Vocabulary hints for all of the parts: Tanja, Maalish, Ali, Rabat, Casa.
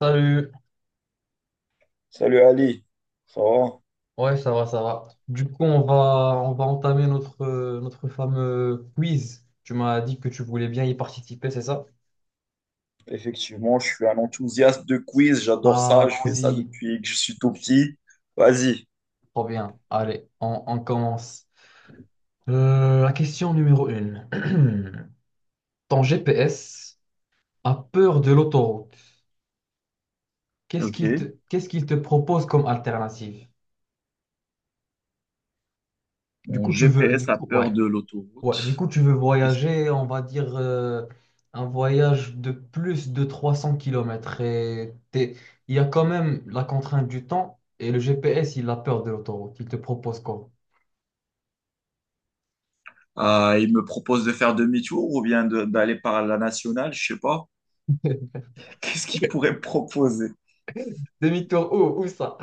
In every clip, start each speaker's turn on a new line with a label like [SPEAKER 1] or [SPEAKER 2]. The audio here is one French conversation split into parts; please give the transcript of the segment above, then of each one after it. [SPEAKER 1] Salut,
[SPEAKER 2] Salut Ali, ça va?
[SPEAKER 1] ouais, ça va, ça va. Du coup, on va entamer notre fameux quiz. Tu m'as dit que tu voulais bien y participer, c'est ça?
[SPEAKER 2] Effectivement, je suis un enthousiaste de quiz, j'adore ça, je fais ça
[SPEAKER 1] Allons-y,
[SPEAKER 2] depuis que je suis tout petit. Vas-y.
[SPEAKER 1] trop bien. Allez, on commence. La question numéro une. Ton GPS a peur de l'autoroute. Qu'est-ce qu'il te, Qu'est-ce qu'il te propose comme alternative? Du coup, tu veux, du coup, ouais. Ouais, du coup, tu veux voyager, on va dire, un voyage de plus de 300 kilomètres. Il y a quand même la contrainte du temps, et le GPS, il a peur de l'autoroute. Il te propose quoi?
[SPEAKER 2] Il me propose de faire demi-tour ou bien d'aller par la nationale, je sais pas. Qu'est-ce qu'il pourrait me proposer?
[SPEAKER 1] Demi-tour, où ça?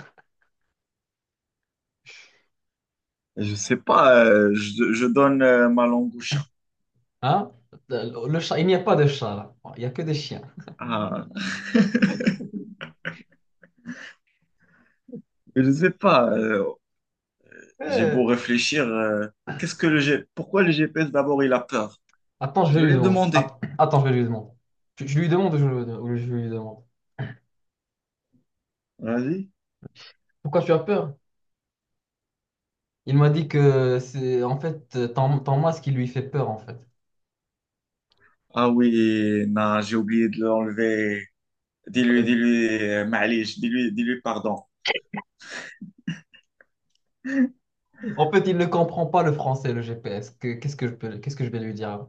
[SPEAKER 2] Je sais pas, je donne ma langue au chat.
[SPEAKER 1] Hein? Le chat, il n'y a pas de chat là. Il n'y a que des chiens.
[SPEAKER 2] Ah, je sais pas, j'ai beau
[SPEAKER 1] Eh,
[SPEAKER 2] réfléchir, qu'est-ce que le pourquoi le GPS d'abord il a peur?
[SPEAKER 1] Attends, je
[SPEAKER 2] Je
[SPEAKER 1] vais
[SPEAKER 2] vais
[SPEAKER 1] lui
[SPEAKER 2] lui
[SPEAKER 1] demander.
[SPEAKER 2] demander.
[SPEAKER 1] Attends, je vais lui demander. Je lui demande ou je lui demande.
[SPEAKER 2] Vas-y.
[SPEAKER 1] Pourquoi tu as peur? Il m'a dit que c'est en fait ton masque qui lui fait peur en fait.
[SPEAKER 2] Ah oui, non, j'ai oublié de l'enlever. Dis-lui,
[SPEAKER 1] Euh,
[SPEAKER 2] dis-lui, Maalish, dis-lui, dis-lui pardon.
[SPEAKER 1] En fait, il ne comprend pas le français, le GPS. Qu'est-ce que qu'est-ce que je vais lui dire?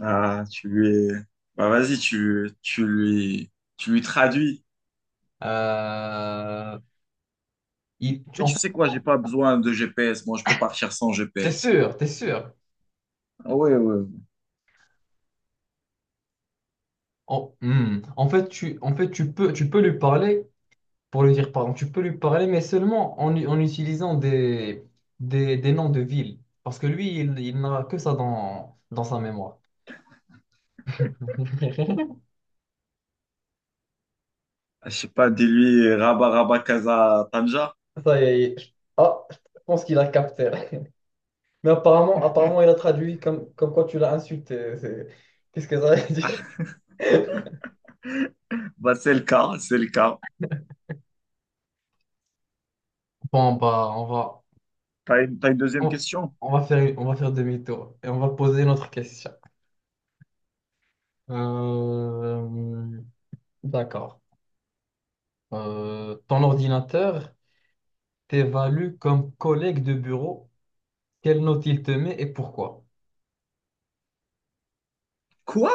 [SPEAKER 2] Ah, tu lui, bah vas-y, tu lui traduis.
[SPEAKER 1] Euh, il- tu-
[SPEAKER 2] Mais
[SPEAKER 1] en
[SPEAKER 2] tu
[SPEAKER 1] fait,
[SPEAKER 2] sais quoi, j'ai pas besoin de GPS. Moi, je peux partir sans
[SPEAKER 1] t'es
[SPEAKER 2] GPS.
[SPEAKER 1] sûr, t'es sûr?
[SPEAKER 2] Ah ouais, ouais, ouais.
[SPEAKER 1] En, hmm. En fait, tu peux lui parler, pour lui dire pardon, tu peux lui parler, mais seulement en utilisant des noms de villes. Parce que lui, il n'a que ça dans sa mémoire.
[SPEAKER 2] Je sais pas, dis-lui, Rabat, Rabat, Casa, Tanja.
[SPEAKER 1] Ça y est, je pense qu'il a capté. Mais apparemment, il a traduit comme quoi tu l'as insulté. Qu'est-ce que ça veut dire?
[SPEAKER 2] Bah, c'est le cas, c'est le cas.
[SPEAKER 1] Bon, bah,
[SPEAKER 2] T'as une deuxième
[SPEAKER 1] on,
[SPEAKER 2] question?
[SPEAKER 1] on va faire demi-tour et on va poser notre question. Euh, d'accord. Ton ordinateur t'évalue comme collègue de bureau. Quelle note il te met et pourquoi?
[SPEAKER 2] Quoi?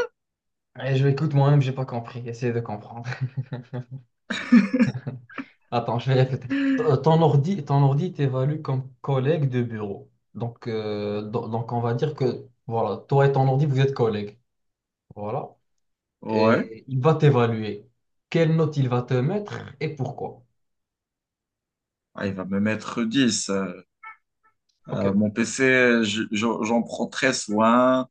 [SPEAKER 1] Je écoute moi-même, j'ai pas compris. Essaye de comprendre. Attends, je vais répéter. Ton ordi, ton ordi t'évalue comme collègue de bureau. Donc, donc, on va dire que, voilà, toi et ton ordi, vous êtes collègues. Voilà.
[SPEAKER 2] Ouais.
[SPEAKER 1] Et il va t'évaluer. Quelle note il va te mettre et pourquoi?
[SPEAKER 2] Ah, il va me mettre 10.
[SPEAKER 1] Ok,
[SPEAKER 2] Mon PC, j'en prends très soin,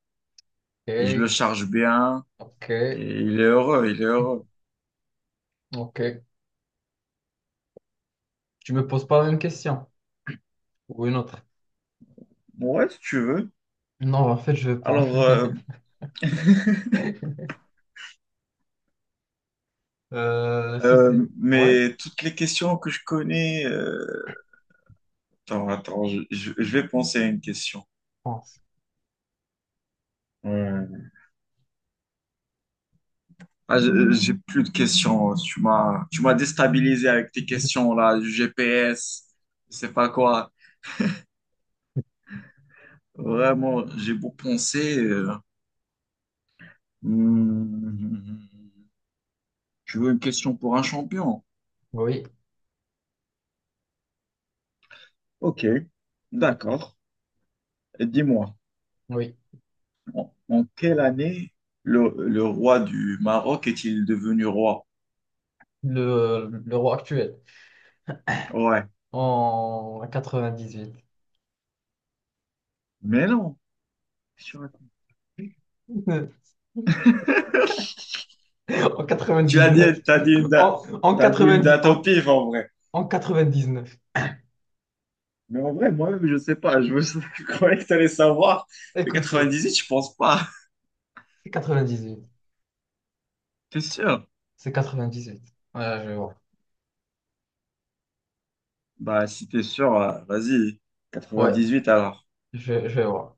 [SPEAKER 2] et je le
[SPEAKER 1] ok,
[SPEAKER 2] charge bien,
[SPEAKER 1] ok,
[SPEAKER 2] et il est heureux, il est heureux.
[SPEAKER 1] ok. Tu me poses pas la même question ou une autre?
[SPEAKER 2] Bon, ouais, si tu veux.
[SPEAKER 1] Non, en fait, je veux pas.
[SPEAKER 2] Alors,
[SPEAKER 1] Si c'est... Ouais,
[SPEAKER 2] mais
[SPEAKER 1] je
[SPEAKER 2] toutes les questions que je connais, attends, attends, je vais penser à une question.
[SPEAKER 1] pense.
[SPEAKER 2] Euh, j'ai plus de questions, hein. Tu m'as déstabilisé avec tes questions là, du GPS, je sais pas quoi. Vraiment, j'ai beau penser. Hmm, tu veux une question pour un champion?
[SPEAKER 1] Oui,
[SPEAKER 2] Ok, d'accord. Et dis-moi,
[SPEAKER 1] oui.
[SPEAKER 2] en quelle année le roi du Maroc est-il devenu roi?
[SPEAKER 1] Le roi actuel
[SPEAKER 2] Ouais.
[SPEAKER 1] en 98.
[SPEAKER 2] Mais non. Je raconte.
[SPEAKER 1] En
[SPEAKER 2] Tu as dit,
[SPEAKER 1] 99.
[SPEAKER 2] t'as dit une date,
[SPEAKER 1] En
[SPEAKER 2] t'as dit une
[SPEAKER 1] 90,
[SPEAKER 2] date au pif en vrai.
[SPEAKER 1] en 99.
[SPEAKER 2] Mais en vrai, moi-même, je sais pas. Je croyais que t'allais savoir. Mais huit,
[SPEAKER 1] Écoute, c'est
[SPEAKER 2] je pense pas.
[SPEAKER 1] c'est 98.
[SPEAKER 2] T'es sûr?
[SPEAKER 1] C'est 98. Voilà, je vois.
[SPEAKER 2] Bah, si t'es sûr, vas-y.
[SPEAKER 1] Ouais.
[SPEAKER 2] Quatre-vingt-dix-huit, alors.
[SPEAKER 1] Je vais voir.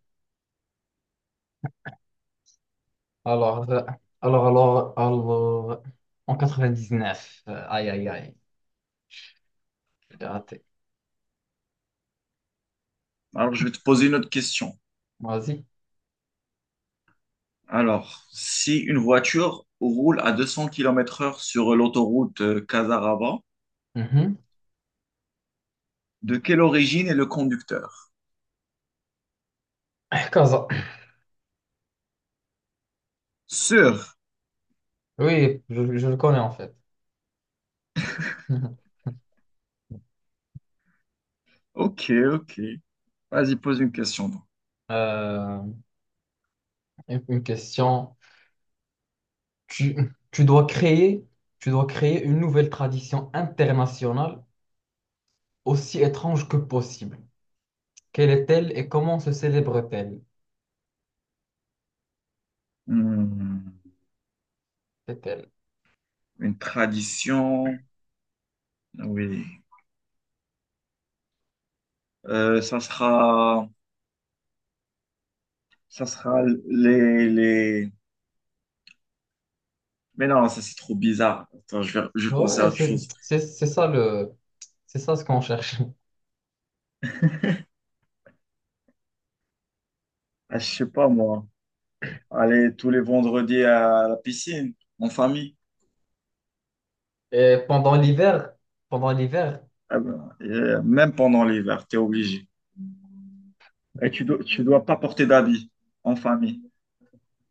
[SPEAKER 1] Alors, alors, en 99. Aïe, aïe, aïe, j'ai raté.
[SPEAKER 2] Alors, je vais te poser une autre question.
[SPEAKER 1] Vas-y.
[SPEAKER 2] Alors, si une voiture roule à 200 km/h sur l'autoroute Casarava,
[SPEAKER 1] Mhm.
[SPEAKER 2] de quelle origine est le conducteur?
[SPEAKER 1] Kaza.
[SPEAKER 2] Sûr.
[SPEAKER 1] Oui, je le connais en fait. Mhm.
[SPEAKER 2] Ok, ok. Vas-y, pose une question, donc.
[SPEAKER 1] Euh, une question. Tu, Tu dois créer, tu dois créer une nouvelle tradition internationale aussi étrange que possible. Quelle est-elle et comment se célèbre-t-elle?
[SPEAKER 2] Hmm,
[SPEAKER 1] C'est-elle?
[SPEAKER 2] une tradition. Oui. Euh, ça sera, ça sera les... Mais non, ça c'est trop bizarre. Attends, je vais penser à
[SPEAKER 1] Ouais,
[SPEAKER 2] autre chose.
[SPEAKER 1] c'est ça c'est ça ce qu'on cherche.
[SPEAKER 2] Ah, je sais pas moi. Aller tous les vendredis à la piscine, en famille.
[SPEAKER 1] Et pendant l'hiver, pendant l'hiver,
[SPEAKER 2] Ah ben, même pendant l'hiver, t'es obligé. Et tu dois pas porter d'habits en famille.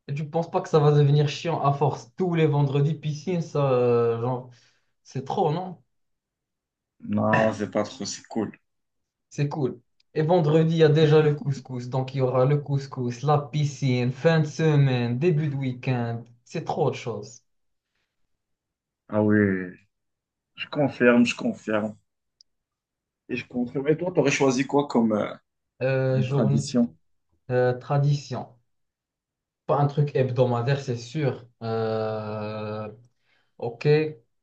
[SPEAKER 1] et tu penses pas que ça va devenir chiant à force tous les vendredis piscine, ça, genre, c'est trop, non?
[SPEAKER 2] Non, c'est pas trop, c'est cool.
[SPEAKER 1] C'est cool. Et vendredi, il y a déjà le couscous. Donc, il y aura le couscous, la piscine, fin de semaine, début de week-end. C'est trop de choses.
[SPEAKER 2] Ah oui, je confirme, je confirme. Et je confirme. Et toi, t'aurais choisi quoi comme,
[SPEAKER 1] Euh,
[SPEAKER 2] comme
[SPEAKER 1] journée,
[SPEAKER 2] tradition?
[SPEAKER 1] Tradition. Pas un truc hebdomadaire, c'est sûr. Ok,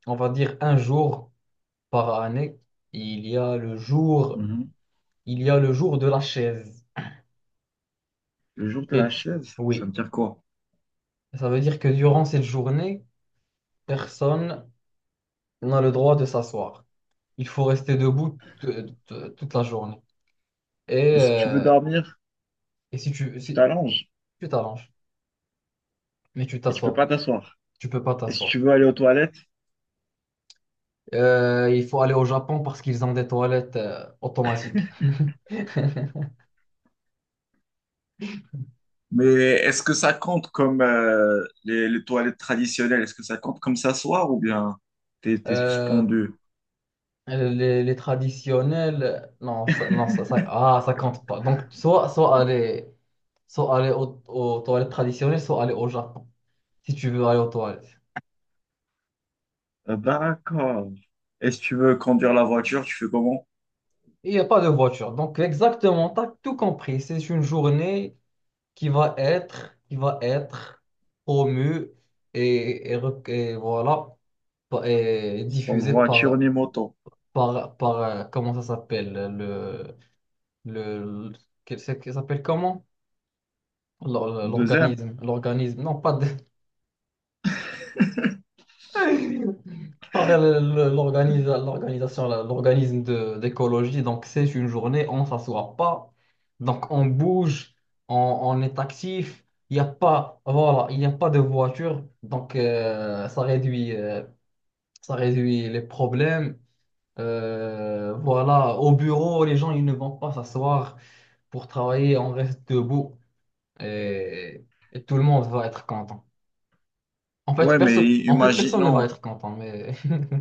[SPEAKER 1] on va dire un jour par année. Il y a le jour,
[SPEAKER 2] Mhm.
[SPEAKER 1] il y a le jour de la chaise.
[SPEAKER 2] Le jour de la
[SPEAKER 1] Et
[SPEAKER 2] chaise, ça
[SPEAKER 1] oui.
[SPEAKER 2] veut dire quoi?
[SPEAKER 1] Ça veut dire que durant cette journée, personne n'a le droit de s'asseoir. Il faut rester debout toute la journée. Et,
[SPEAKER 2] Et si tu veux
[SPEAKER 1] euh,
[SPEAKER 2] dormir?
[SPEAKER 1] et
[SPEAKER 2] Tu
[SPEAKER 1] si
[SPEAKER 2] t'allonges
[SPEAKER 1] tu t'arranges, mais tu
[SPEAKER 2] et tu peux
[SPEAKER 1] t'assois
[SPEAKER 2] pas
[SPEAKER 1] pas.
[SPEAKER 2] t'asseoir.
[SPEAKER 1] Tu peux pas
[SPEAKER 2] Et si
[SPEAKER 1] t'asseoir.
[SPEAKER 2] tu veux aller aux toilettes,
[SPEAKER 1] Il faut aller au Japon parce qu'ils ont des toilettes automatiques.
[SPEAKER 2] mais est-ce que ça compte comme les toilettes traditionnelles? Est-ce que ça compte comme s'asseoir ou bien t'es, t'es
[SPEAKER 1] Euh,
[SPEAKER 2] suspendu?
[SPEAKER 1] les traditionnels, non, ça, non, ça compte pas. Donc, soit aller aux toilettes traditionnelles, soit aller au Japon, si tu veux aller aux toilettes.
[SPEAKER 2] D'accord. Et si tu veux conduire la voiture, tu fais comment?
[SPEAKER 1] Il n'y a pas de voiture. Donc, exactement, tu as tout compris. C'est une journée qui va être promue et, et voilà, et
[SPEAKER 2] Sans
[SPEAKER 1] diffusée
[SPEAKER 2] voiture ni moto.
[SPEAKER 1] par, comment ça s'appelle, le, le- que ça s'appelle comment?
[SPEAKER 2] Deuxième,
[SPEAKER 1] L'organisme, non, pas de... Par l'organisation, l'organisme d'écologie. Donc, c'est une journée, on ne s'assoit pas. Donc, on bouge, on, on est actif. Il n'y a pas, voilà, il n'y a pas de voiture. Donc, ça réduit les problèmes. Voilà, au bureau, les gens, ils ne vont pas s'asseoir pour travailler. On reste debout et, et tout le monde va être content. En fait,
[SPEAKER 2] ouais, mais
[SPEAKER 1] personne ne va
[SPEAKER 2] imaginons,
[SPEAKER 1] être content, mais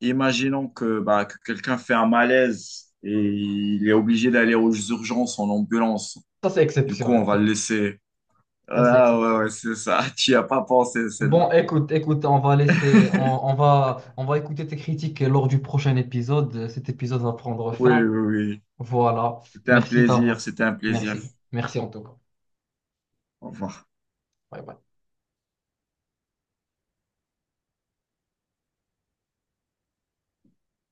[SPEAKER 2] imaginons que, bah, que quelqu'un fait un malaise et il est obligé d'aller aux urgences en ambulance.
[SPEAKER 1] ça, c'est
[SPEAKER 2] Du coup, on
[SPEAKER 1] exceptionnel.
[SPEAKER 2] va le
[SPEAKER 1] Ça,
[SPEAKER 2] laisser.
[SPEAKER 1] Ça, c'est
[SPEAKER 2] Ah ouais,
[SPEAKER 1] exceptionnel.
[SPEAKER 2] ouais, c'est ça. Tu n'y as pas pensé,
[SPEAKER 1] Bon,
[SPEAKER 2] celle-là.
[SPEAKER 1] écoute, on va laisser, on va écouter tes critiques lors du prochain épisode. Cet épisode va prendre
[SPEAKER 2] Oui,
[SPEAKER 1] fin.
[SPEAKER 2] oui, oui.
[SPEAKER 1] Voilà.
[SPEAKER 2] C'était un
[SPEAKER 1] Merci
[SPEAKER 2] plaisir,
[SPEAKER 1] d'avoir.
[SPEAKER 2] c'était un plaisir.
[SPEAKER 1] Merci. Merci en tout cas.
[SPEAKER 2] Au revoir.
[SPEAKER 1] Bye bye.